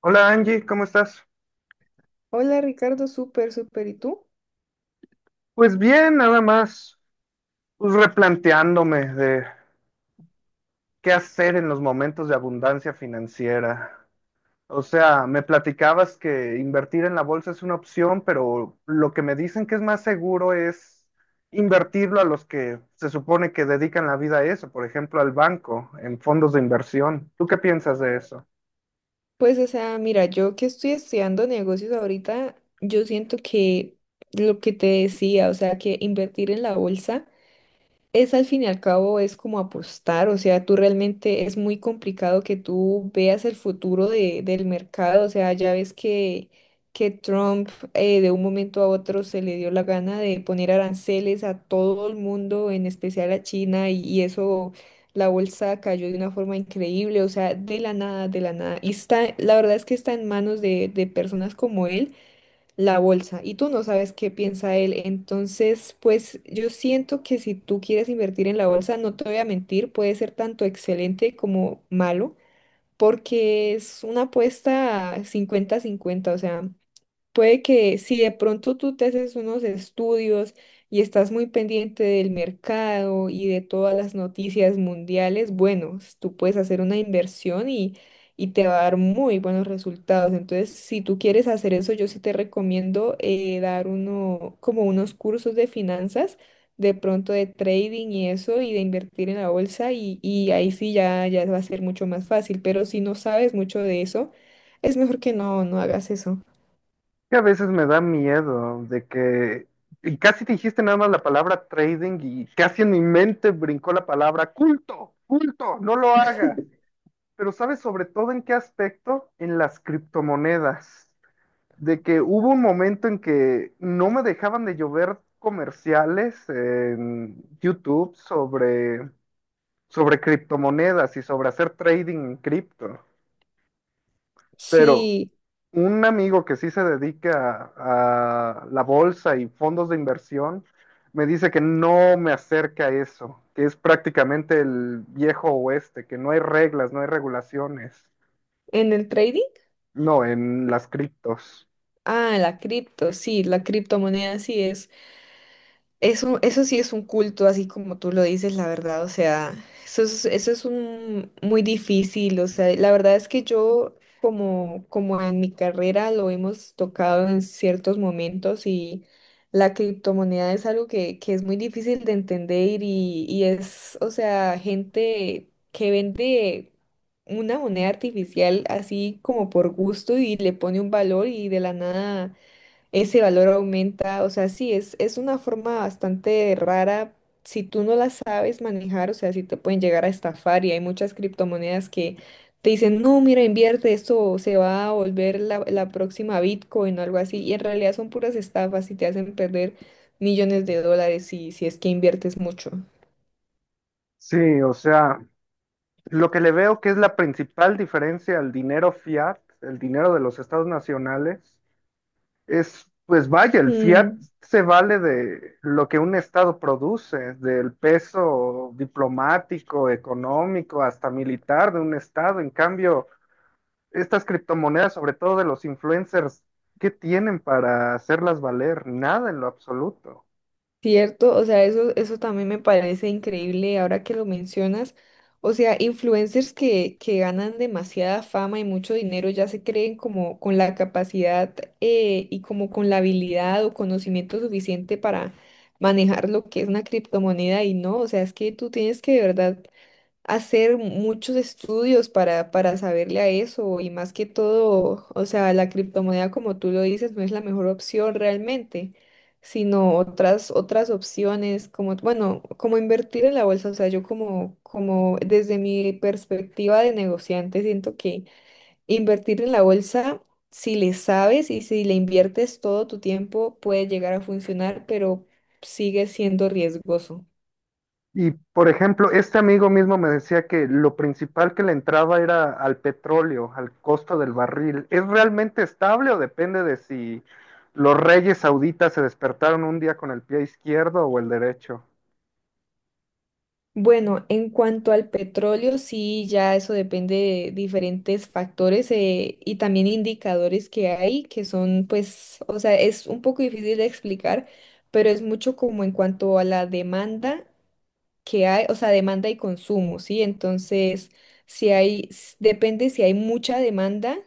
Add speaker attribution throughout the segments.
Speaker 1: Hola Angie, ¿cómo estás?
Speaker 2: Hola Ricardo, súper, súper. ¿Y tú?
Speaker 1: Pues bien, nada más, pues replanteándome de qué hacer en los momentos de abundancia financiera. O sea, me platicabas que invertir en la bolsa es una opción, pero lo que me dicen que es más seguro es invertirlo a los que se supone que dedican la vida a eso, por ejemplo, al banco, en fondos de inversión. ¿Tú qué piensas de eso?
Speaker 2: Pues, o sea, mira, yo que estoy estudiando negocios ahorita, yo siento que lo que te decía, o sea, que invertir en la bolsa. Es al fin y al cabo es como apostar, o sea, tú realmente es muy complicado que tú veas el futuro del mercado, o sea, ya ves que Trump de un momento a otro se le dio la gana de poner aranceles a todo el mundo, en especial a China, y eso, la bolsa cayó de una forma increíble, o sea, de la nada, de la nada. Y está, la verdad es que está en manos de personas como él la bolsa y tú no sabes qué piensa él. Entonces, pues yo siento que si tú quieres invertir en la bolsa, no te voy a mentir, puede ser tanto excelente como malo, porque es una apuesta 50-50, o sea, puede que si de pronto tú te haces unos estudios y estás muy pendiente del mercado y de todas las noticias mundiales, bueno, tú puedes hacer una inversión y te va a dar muy buenos resultados. Entonces, si tú quieres hacer eso, yo sí te recomiendo dar como unos cursos de finanzas, de pronto de trading y eso, y de invertir en la bolsa, y ahí sí ya, va a ser mucho más fácil. Pero si no sabes mucho de eso, es mejor que no, no hagas eso.
Speaker 1: Que a veces me da miedo de que y casi dijiste nada más la palabra trading y casi en mi mente brincó la palabra culto, culto, no lo hagas. Pero ¿sabes sobre todo en qué aspecto? En las criptomonedas. De que hubo un momento en que no me dejaban de llover comerciales en YouTube sobre criptomonedas y sobre hacer trading en cripto. Pero
Speaker 2: Sí,
Speaker 1: un amigo que sí se dedica a la bolsa y fondos de inversión me dice que no me acerca a eso, que es prácticamente el viejo oeste, que no hay reglas, no hay regulaciones.
Speaker 2: en el trading.
Speaker 1: No, en las criptos.
Speaker 2: Ah, sí, la criptomoneda sí es. Eso sí es un culto, así como tú lo dices, la verdad, o sea, eso es un muy difícil, o sea, la verdad es que yo, como en mi carrera lo hemos tocado en ciertos momentos y la criptomoneda es algo que, es muy difícil de entender y es, o sea, gente que vende una moneda artificial así como por gusto y le pone un valor y de la nada ese valor aumenta, o sea, sí, es una forma bastante rara. Si tú no la sabes manejar, o sea, si te pueden llegar a estafar y hay muchas criptomonedas que te dicen, no, mira, invierte, esto se va a volver la próxima Bitcoin o algo así, y en realidad son puras estafas y te hacen perder millones de dólares si es que inviertes mucho.
Speaker 1: Sí, o sea, lo que le veo que es la principal diferencia al dinero fiat, el dinero de los estados nacionales, es, pues vaya, el fiat
Speaker 2: Mm.
Speaker 1: se vale de lo que un estado produce, del peso diplomático, económico, hasta militar de un estado. En cambio, estas criptomonedas, sobre todo de los influencers, ¿qué tienen para hacerlas valer? Nada en lo absoluto.
Speaker 2: Cierto, o sea, eso también me parece increíble ahora que lo mencionas. O sea, influencers que ganan demasiada fama y mucho dinero ya se creen como con la capacidad y como con la habilidad o conocimiento suficiente para manejar lo que es una criptomoneda y no, o sea, es que tú tienes que de verdad hacer muchos estudios para, saberle a eso y más que todo, o sea, la criptomoneda como tú lo dices no es la mejor opción realmente, sino otras, opciones como, bueno, como invertir en la bolsa, o sea, yo como desde mi perspectiva de negociante siento que invertir en la bolsa, si le sabes y si le inviertes todo tu tiempo, puede llegar a funcionar, pero sigue siendo riesgoso.
Speaker 1: Y por ejemplo, este amigo mismo me decía que lo principal que le entraba era al petróleo, al costo del barril. ¿Es realmente estable o depende de si los reyes sauditas se despertaron un día con el pie izquierdo o el derecho
Speaker 2: Bueno, en cuanto al petróleo, sí, ya eso depende de diferentes factores y también indicadores que hay, que son, pues, o sea, es un poco difícil de explicar, pero es mucho como en cuanto a la demanda que hay, o sea, demanda y consumo, ¿sí? Entonces, si hay, depende si hay mucha demanda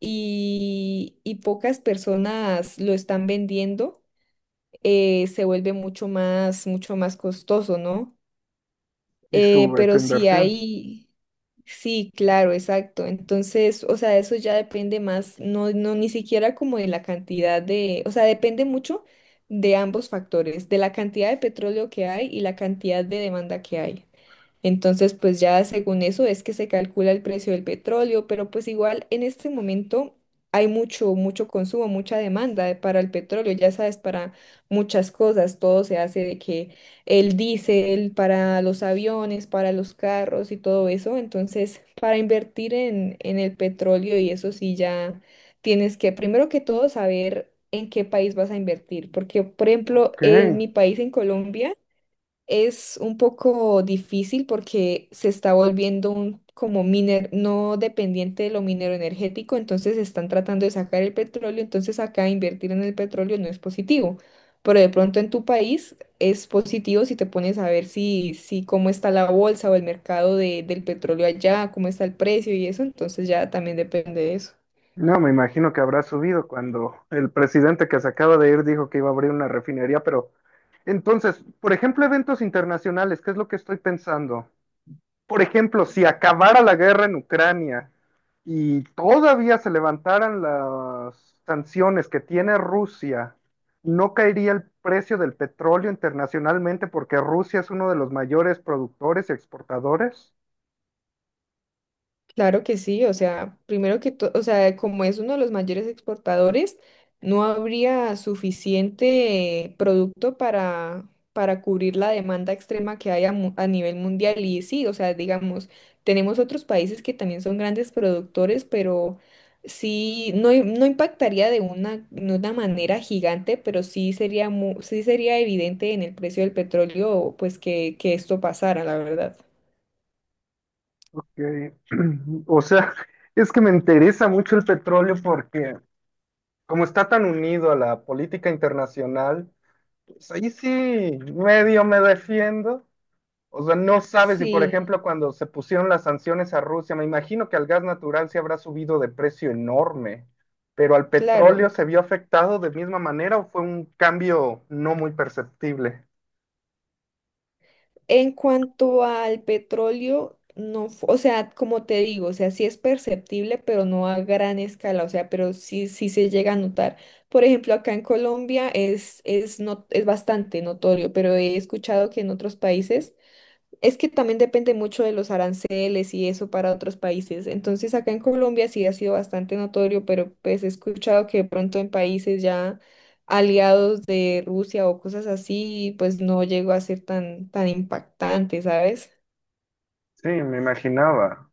Speaker 2: y pocas personas lo están vendiendo, se vuelve mucho más costoso, ¿no?
Speaker 1: y sube tu
Speaker 2: Pero sí
Speaker 1: inversión?
Speaker 2: hay, sí, claro, exacto. Entonces, o sea, eso ya depende más, no, no, ni siquiera como de la cantidad de, o sea, depende mucho de ambos factores, de la cantidad de petróleo que hay y la cantidad de demanda que hay. Entonces, pues ya según eso es que se calcula el precio del petróleo, pero pues igual en este momento hay mucho, mucho consumo, mucha demanda para el petróleo, ya sabes, para muchas cosas, todo se hace de que el diésel para los aviones, para los carros y todo eso, entonces para invertir en, el petróleo y eso sí ya tienes que primero que todo saber en qué país vas a invertir, porque por ejemplo,
Speaker 1: Ok.
Speaker 2: en mi país, en Colombia, es un poco difícil porque se está volviendo un como miner no dependiente de lo minero energético, entonces están tratando de sacar el petróleo, entonces acá invertir en el petróleo no es positivo. Pero de pronto en tu país es positivo si te pones a ver si, si cómo está la bolsa o el mercado del petróleo allá, cómo está el precio y eso, entonces ya también depende de eso.
Speaker 1: No, me imagino que habrá subido cuando el presidente que se acaba de ir dijo que iba a abrir una refinería, pero entonces, por ejemplo, eventos internacionales, ¿qué es lo que estoy pensando? Por ejemplo, si acabara la guerra en Ucrania y todavía se levantaran las sanciones que tiene Rusia, no caería el precio del petróleo internacionalmente porque Rusia es uno de los mayores productores y exportadores.
Speaker 2: Claro que sí, o sea, primero que todo, o sea, como es uno de los mayores exportadores, no habría suficiente producto para, cubrir la demanda extrema que hay a nivel mundial. Y sí, o sea, digamos, tenemos otros países que también son grandes productores, pero sí, no, no impactaría de una manera gigante, pero sí sería evidente en el precio del petróleo, pues que esto pasara, la verdad.
Speaker 1: Ok. O sea, es que me interesa mucho el petróleo porque como está tan unido a la política internacional, pues ahí sí medio me defiendo. O sea, no sabes si, por
Speaker 2: Sí,
Speaker 1: ejemplo, cuando se pusieron las sanciones a Rusia, me imagino que al gas natural se habrá subido de precio enorme, pero al petróleo
Speaker 2: claro.
Speaker 1: se vio afectado de misma manera o fue un cambio no muy perceptible.
Speaker 2: En cuanto al petróleo, no, o sea, como te digo, o sea, sí es perceptible, pero no a gran escala, o sea, pero sí, sí se llega a notar. Por ejemplo, acá en Colombia no, es bastante notorio, pero he escuchado que en otros países es que también depende mucho de los aranceles y eso para otros países. Entonces, acá en Colombia sí ha sido bastante notorio, pero pues he escuchado que de pronto en países ya aliados de Rusia o cosas así, pues no llegó a ser tan, tan impactante, ¿sabes?
Speaker 1: Sí, me imaginaba.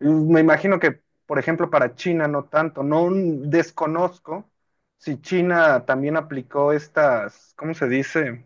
Speaker 1: Y me imagino que, por ejemplo, para China no tanto. No desconozco si China también aplicó estas, ¿cómo se dice?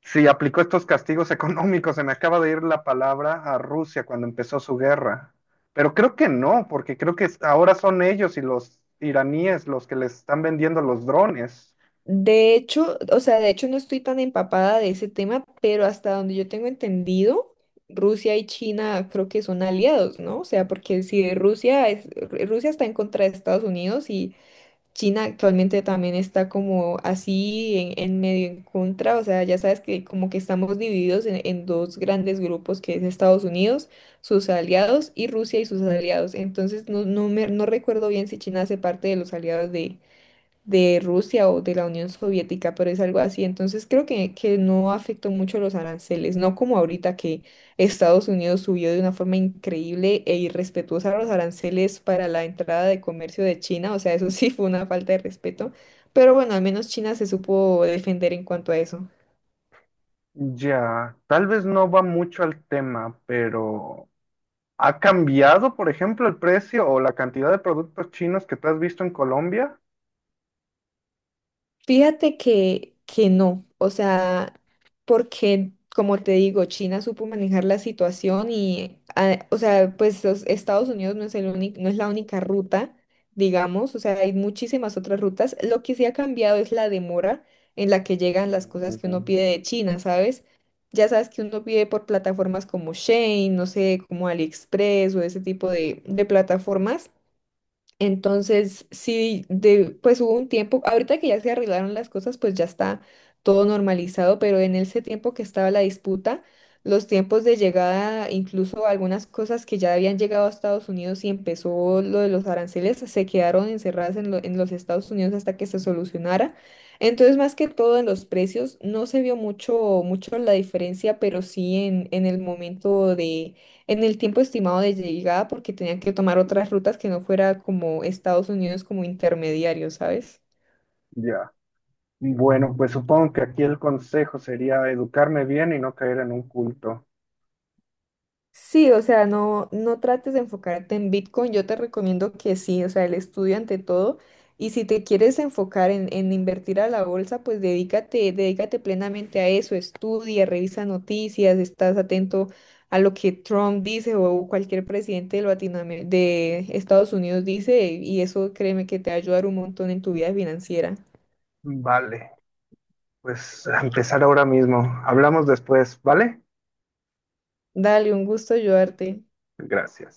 Speaker 1: Sí, aplicó estos castigos económicos. Se me acaba de ir la palabra a Rusia cuando empezó su guerra. Pero creo que no, porque creo que es- ahora son ellos y los iraníes los que les están vendiendo los drones.
Speaker 2: De hecho, o sea, de hecho no estoy tan empapada de ese tema, pero hasta donde yo tengo entendido, Rusia y China creo que son aliados, ¿no? O sea, porque si Rusia está en contra de Estados Unidos y China actualmente también está como así en, medio en contra, o sea, ya sabes que como que estamos divididos en dos grandes grupos, que es Estados Unidos, sus aliados, y Rusia y sus aliados. Entonces, no, no recuerdo bien si China hace parte de los aliados de Rusia o de la Unión Soviética, pero es algo así. Entonces creo que no afectó mucho los aranceles, no como ahorita que Estados Unidos subió de una forma increíble e irrespetuosa los aranceles para la entrada de comercio de China, o sea, eso sí fue una falta de respeto, pero bueno, al menos China se supo defender en cuanto a eso.
Speaker 1: Ya, tal vez no va mucho al tema, pero ¿ha cambiado, por ejemplo, el precio o la cantidad de productos chinos que tú has visto en Colombia?
Speaker 2: Fíjate que no, o sea, porque como te digo, China supo manejar la situación y, o sea, pues los Estados Unidos no es el único, no es la única ruta, digamos, o sea, hay muchísimas otras rutas. Lo que sí ha cambiado es la demora en la que llegan las
Speaker 1: Mm,
Speaker 2: cosas que
Speaker 1: ujú.
Speaker 2: uno pide de China, ¿sabes? Ya sabes que uno pide por plataformas como Shein, no sé, como AliExpress o ese tipo de plataformas. Entonces, sí, de, pues hubo un tiempo, ahorita que ya se arreglaron las cosas, pues ya está todo normalizado, pero en ese tiempo que estaba la disputa, los tiempos de llegada, incluso algunas cosas que ya habían llegado a Estados Unidos y empezó lo de los aranceles, se quedaron encerradas en, en los Estados Unidos hasta que se solucionara. Entonces, más que todo en los precios, no se vio mucho, mucho la diferencia, pero sí en, el momento en el tiempo estimado de llegada porque tenían que tomar otras rutas que no fuera como Estados Unidos como intermediario, ¿sabes?
Speaker 1: Ya. Bueno, pues supongo que aquí el consejo sería educarme bien y no caer en un culto.
Speaker 2: Sí, o sea, no, no trates de enfocarte en Bitcoin. Yo te recomiendo que sí, o sea, el estudio ante todo. Y si te quieres enfocar en, invertir a la bolsa, pues dedícate, dedícate plenamente a eso. Estudia, revisa noticias, estás atento a lo que Trump dice o cualquier presidente de Estados Unidos dice. Y eso créeme que te va a ayudar un montón en tu vida financiera.
Speaker 1: Vale. Pues a empezar ahora mismo. Hablamos después, ¿vale?
Speaker 2: Dale, un gusto ayudarte.
Speaker 1: Gracias.